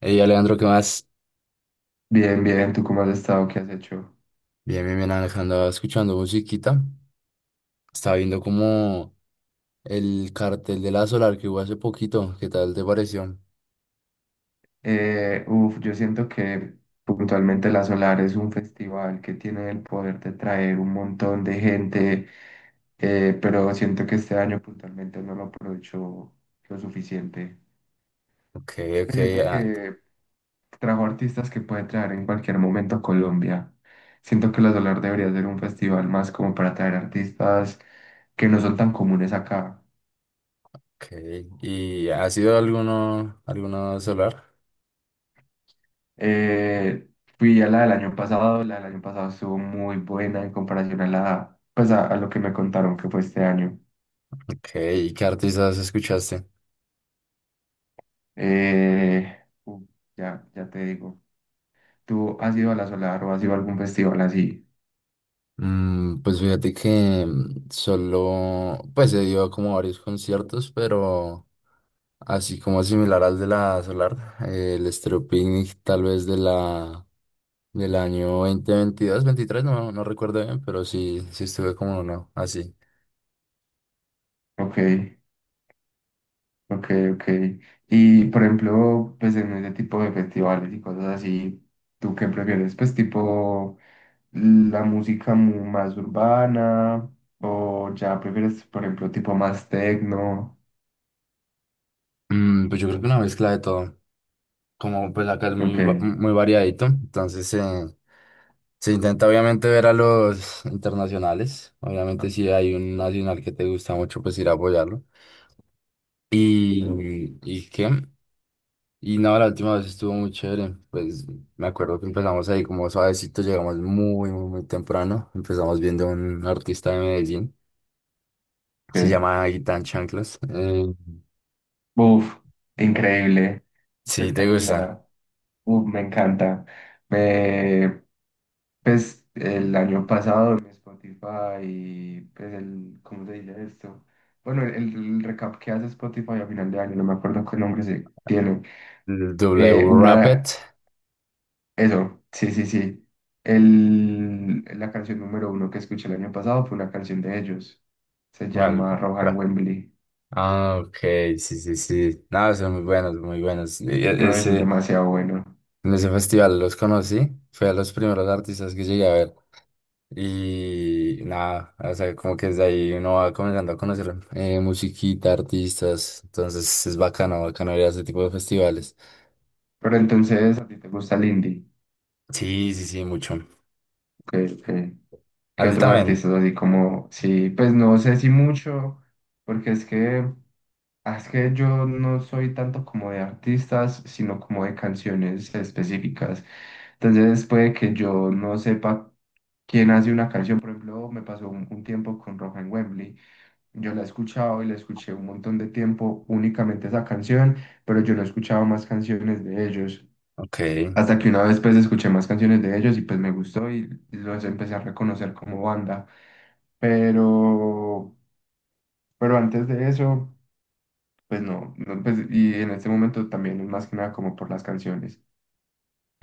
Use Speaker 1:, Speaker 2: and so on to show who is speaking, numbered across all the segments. Speaker 1: Ey, Alejandro, ¿qué más?
Speaker 2: Bien, bien, ¿tú cómo has estado? ¿Qué has hecho?
Speaker 1: Bien, bien, bien, Alejandro, andaba escuchando musiquita. Estaba viendo como el cartel de la Solar que hubo hace poquito. ¿Qué tal te pareció?
Speaker 2: Yo siento que puntualmente La Solar es un festival que tiene el poder de traer un montón de gente, pero siento que este año puntualmente no lo aprovechó lo suficiente.
Speaker 1: Ok, ok,
Speaker 2: Pues siento
Speaker 1: ah,
Speaker 2: que trajo artistas que puede traer en cualquier momento a Colombia. Siento que La Solar debería ser un festival más como para traer artistas que no son tan comunes acá.
Speaker 1: ok. ¿Y ha sido alguno, alguno Solar?
Speaker 2: Eh, Fui a la del año pasado, la del año pasado estuvo muy buena en comparación a la, pues a lo que me contaron que fue este año.
Speaker 1: Ok, ¿y qué artistas escuchaste?
Speaker 2: Eh, uh, ya te digo. ¿Tú has ido a la Solar o has ido a algún festival así?
Speaker 1: Mm, pues fíjate que solo, pues se dio como varios conciertos, pero así como similar al de la Solar, el Estéreo Picnic tal vez de la Del año 2022, 23, no recuerdo bien, pero sí, sí estuve como uno, así.
Speaker 2: Ok, ok, ok. Y por ejemplo, pues en ese tipo de festivales y cosas así, ¿tú qué prefieres? Pues tipo la música más urbana o ya prefieres, por ejemplo, tipo más techno.
Speaker 1: Mm, pues yo creo que una mezcla de todo. Como pues acá es muy,
Speaker 2: Ok,
Speaker 1: muy variadito, entonces se intenta obviamente ver a los internacionales. Obviamente si hay un nacional que te gusta mucho, pues ir a apoyarlo. ¿Y qué? Y no, la última vez estuvo muy chévere. Pues me acuerdo que empezamos ahí como suavecito, llegamos muy, muy, muy temprano. Empezamos viendo a un artista de Medellín. Se
Speaker 2: ok.
Speaker 1: llama Guitar Chanclas.
Speaker 2: Uf, increíble,
Speaker 1: Sí, te gusta.
Speaker 2: espectacular. Uf, me encanta. Me, pues el año pasado mi Spotify y pues el, ¿cómo se dice esto? Bueno, el recap que hace Spotify a final de año, no me acuerdo qué nombre se tiene. Eh,
Speaker 1: W Rapid.
Speaker 2: una, eso, sí, sí, sí. El, la canción número uno que escuché el año pasado fue una canción de ellos. Se
Speaker 1: Well,
Speaker 2: llama Rohan
Speaker 1: ra-
Speaker 2: Wembley.
Speaker 1: ah, ok, sí, sí, sí. No, son muy buenos, muy buenos. Y
Speaker 2: No, eso es
Speaker 1: ese,
Speaker 2: demasiado bueno.
Speaker 1: en ese festival los conocí. Fue a los primeros artistas que llegué a ver. Y nada, o sea, como que desde ahí uno va comenzando a conocer musiquita, artistas. Entonces es bacano, bacano ir a ese tipo de festivales.
Speaker 2: Pero entonces, ¿a ti te gusta el indie?
Speaker 1: Sí, sí, sí, mucho.
Speaker 2: que, que-
Speaker 1: A
Speaker 2: que
Speaker 1: ti
Speaker 2: otros
Speaker 1: también.
Speaker 2: artistas así como, sí, pues no sé si mucho, porque es que, ah, es que yo no soy tanto como de artistas, sino como de canciones específicas. Entonces puede que yo no sepa quién hace una canción, por ejemplo, me pasó un tiempo con Roja en Wembley. Yo la he escuchado y la escuché un montón de tiempo únicamente esa canción, pero yo no he escuchado más canciones de ellos.
Speaker 1: Ok.
Speaker 2: Hasta que una vez pues escuché más canciones de ellos y pues me gustó y los empecé a reconocer como banda. Pero, pero antes de eso, pues no, no, pues, y en este momento también es más que nada como por las canciones.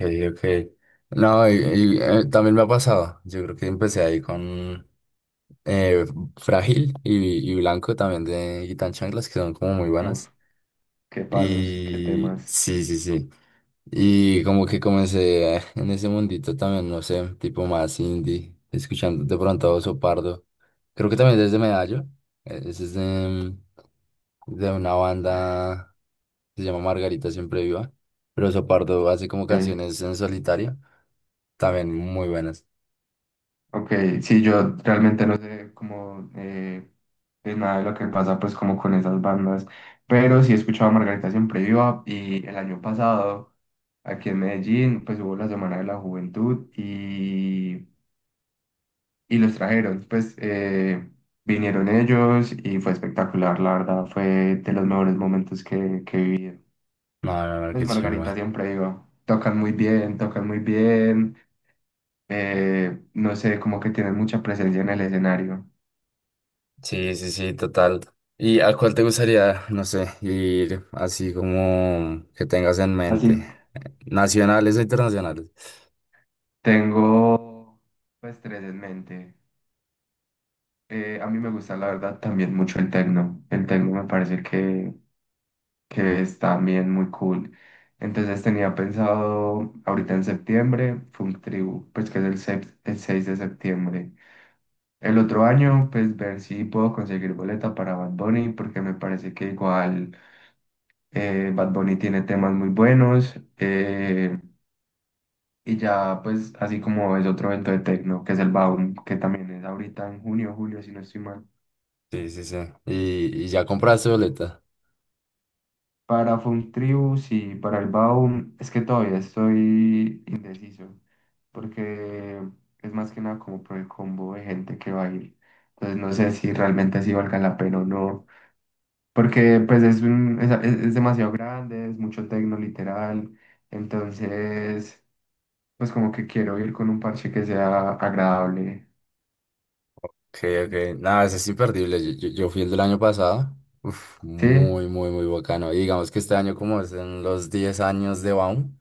Speaker 1: Okay, okay. No, y, también me ha pasado. Yo creo que empecé ahí con eh, Frágil y Blanco también de Guitar Chanclas, que son como muy
Speaker 2: Uf,
Speaker 1: buenas.
Speaker 2: qué palos, qué
Speaker 1: Y
Speaker 2: temas.
Speaker 1: sí, sí, sí. Y como que comencé en ese mundito también, no sé, tipo más indie, escuchando de pronto a Oso Pardo. Creo que también desde Medallo. Ese es de una banda que se llama Margarita Siempre Viva. Pero Oso Pardo hace como
Speaker 2: Eh,
Speaker 1: canciones en solitario, también muy buenas.
Speaker 2: ok, sí, yo realmente no sé cómo de nada de lo que pasa pues como con esas bandas, pero sí he escuchado a Margarita Siempre Viva y el año pasado aquí en Medellín pues hubo la Semana de la Juventud y los trajeron. Pues, vinieron ellos y fue espectacular, la verdad, fue de los mejores momentos que viví.
Speaker 1: No, no, no,
Speaker 2: Pues
Speaker 1: qué
Speaker 2: Margarita
Speaker 1: chimba.
Speaker 2: siempre iba, tocan muy bien, no sé, como que tienen mucha presencia en el escenario.
Speaker 1: Sí, sí, sí, total. ¿Y a cuál te gustaría, no sé, ir así como que tengas en mente?
Speaker 2: Así,
Speaker 1: ¿Nacionales o internacionales?
Speaker 2: tengo pues tres en mente. A mí me gusta, la verdad, también mucho el tecno. El tecno me parece que es también muy cool. Entonces tenía pensado ahorita en septiembre, Funk Tribu, pues que es el, el 6 de septiembre. El otro año, pues ver si puedo conseguir boleta para Bad Bunny, porque me parece que igual Bad Bunny tiene temas muy buenos. Y ya, pues así como es otro evento de techno, que es el Baum, que también es ahorita en junio, julio, si no estoy mal.
Speaker 1: Sí, sí, sí. Y ya compraste boleta.
Speaker 2: Para Funtribus y para el Baum, es que todavía estoy indeciso, porque es más que nada como por el combo de gente que va a ir. Entonces no sé si realmente así valga la pena o no, porque pues es, un, es, es demasiado grande, es mucho tecno literal, entonces pues como que quiero ir con un parche que sea agradable.
Speaker 1: Ok, ok. Nada, ese es imperdible. Yo fui el del año pasado. Uf,
Speaker 2: Sí,
Speaker 1: muy, muy, muy bacano. Y digamos que este año, como es en los 10 años de Baum,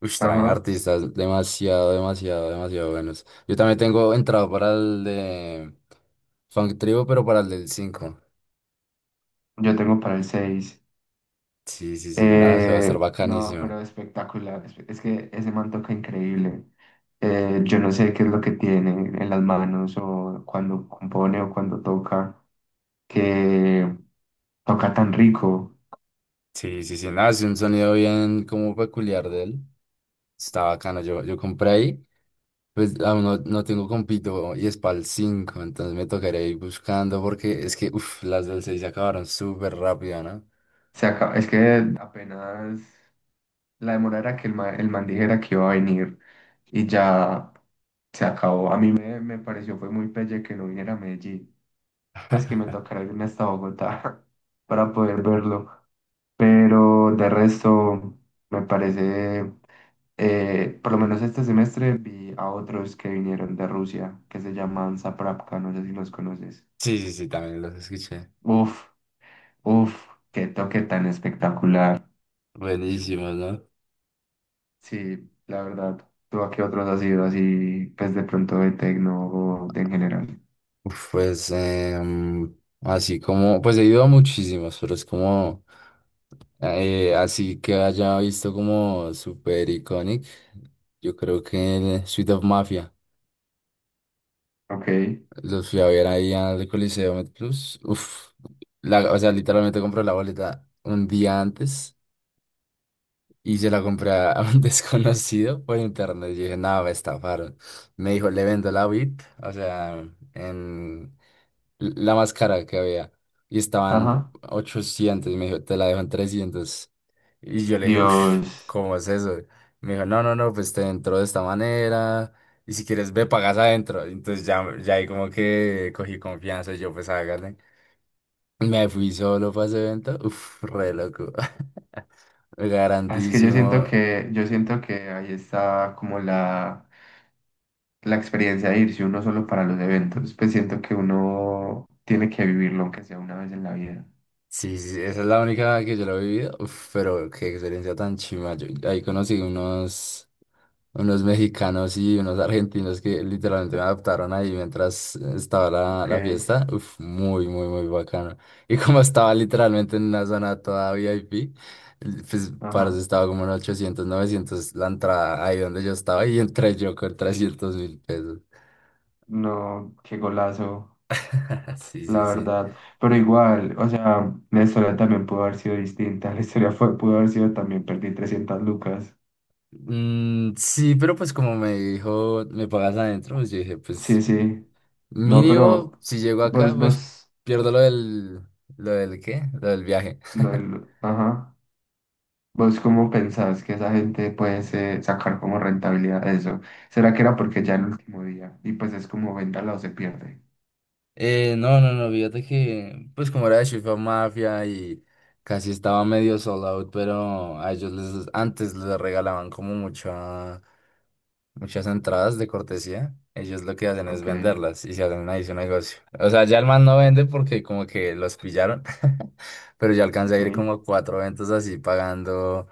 Speaker 1: ush, traen
Speaker 2: ajá,
Speaker 1: artistas demasiado, demasiado, demasiado buenos. Yo también tengo entrado para el de Funk Tribu, pero para el del cinco.
Speaker 2: yo tengo para el 6.
Speaker 1: Sí, sí, sí. Nada, se va a estar
Speaker 2: No,
Speaker 1: bacanísimo.
Speaker 2: pero espectacular. Es que ese man toca increíble. Yo no sé qué es lo que tiene en las manos o cuando compone o cuando toca, que toca tan rico.
Speaker 1: Sí, sí, sí. Nada, es un sonido bien como peculiar de él. Está bacano. Yo compré ahí. Pues aún no, no tengo compito y es para el 5, entonces me tocaría ir buscando porque es que uf, las del 6 se acabaron súper rápido, ¿no?
Speaker 2: Es que apenas la demora era que el man dijera que iba a venir y ya se acabó. A mí me, me pareció fue muy pelle que no viniera a Medellín. Pues que me tocará irme hasta Bogotá para poder verlo. Pero de resto, me parece, por lo menos este semestre vi a otros que vinieron de Rusia, que se llaman Zaprapka, no sé si los conoces.
Speaker 1: Sí, sí, sí, también los escuché.
Speaker 2: Uf, uf, qué toque tan espectacular.
Speaker 1: Buenísimos, ¿no?
Speaker 2: Sí, la verdad. ¿Tú a qué otros has ido así, pues de pronto de tecno o de en general?
Speaker 1: Uf, pues así como, pues he ido a muchísimos, pero es como, así que haya visto como super iconic, yo creo que Suite of Mafia,
Speaker 2: Ok,
Speaker 1: los fui a ver ahí al Coliseo Met Plus, uf, la, o sea, literalmente compré la boleta un día antes. Y se la compré a un desconocido por internet. Yo dije, no, me estafaron. Me dijo, le vendo la bit, o sea, en la más cara que había. Y estaban
Speaker 2: ajá.
Speaker 1: 800. Y me dijo, te la dejo en 300. Y yo le dije, uff,
Speaker 2: Dios,
Speaker 1: ¿cómo es eso? Me dijo, no, no, no, pues te entró de esta manera. Y si quieres, ve, pagas adentro. Y entonces ya, ya ahí como que cogí confianza. Y yo, pues hágale. Me fui solo para ese evento. Uff, re loco.
Speaker 2: ah, es que yo siento
Speaker 1: Grandísimo.
Speaker 2: que, yo siento que ahí está como la la experiencia de irse uno solo para los eventos, pues siento que uno tiene que vivirlo aunque sea una vez en la vida.
Speaker 1: Sí, sí, sí, esa es la única que yo la he vivido. Uf, pero qué experiencia tan chima. Yo ahí conocí unos, unos mexicanos y unos argentinos que literalmente me adoptaron ahí mientras estaba la,
Speaker 2: Ok,
Speaker 1: la fiesta. Uf, muy, muy, muy bacano. Y como estaba literalmente en una zona toda VIP, pues parece
Speaker 2: ajá.
Speaker 1: estaba como en 800 900 la entrada ahí donde yo estaba y entré yo con 300.000 pesos.
Speaker 2: No, qué golazo,
Speaker 1: Sí,
Speaker 2: la
Speaker 1: sí, sí.
Speaker 2: verdad. Pero igual, o sea, la historia también pudo haber sido distinta. La historia fue, pudo haber sido también perdí 300 lucas.
Speaker 1: Mm, sí, pero pues como me dijo, me pagas adentro, pues yo dije, pues.
Speaker 2: Sí, sí. No, pero
Speaker 1: Mínimo, si llego acá,
Speaker 2: vos,
Speaker 1: pues
Speaker 2: vos,
Speaker 1: pierdo lo del qué, lo del viaje.
Speaker 2: lo del- ajá. ¿Vos cómo pensás que esa gente puede sacar como rentabilidad de eso? ¿Será que era porque ya el último día? Y pues es como véndala o se pierde.
Speaker 1: No, no, no, fíjate que, pues como era de Chifa Mafia y casi estaba medio sold out, pero a ellos les, antes les regalaban como mucha, muchas entradas de cortesía, ellos lo que hacen es
Speaker 2: Ok,
Speaker 1: venderlas y se hacen ahí su negocio. O sea, ya el man no vende porque como que los pillaron, pero ya alcancé a
Speaker 2: ok,
Speaker 1: ir como a 4 eventos así pagando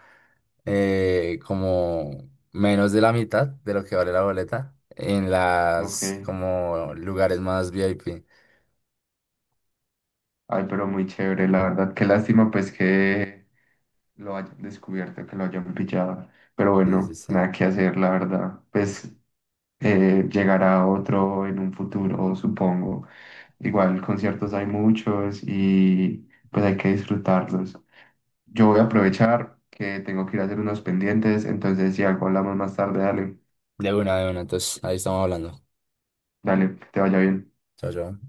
Speaker 1: como menos de la mitad de lo que vale la boleta en
Speaker 2: ok.
Speaker 1: las como lugares más VIP.
Speaker 2: Ay, pero muy chévere, la verdad. Qué lástima, pues, que lo hayan descubierto, que lo hayan pillado. Pero
Speaker 1: Sí, sí,
Speaker 2: bueno,
Speaker 1: sí.
Speaker 2: nada que hacer, la verdad. Pues, llegará otro en un futuro, supongo. Igual, conciertos hay muchos y pues hay que disfrutarlos. Yo voy a aprovechar que tengo que ir a hacer unos pendientes, entonces si algo hablamos más tarde, dale,
Speaker 1: De una, entonces ahí estamos hablando.
Speaker 2: dale, que te vaya bien.
Speaker 1: Chao, chao.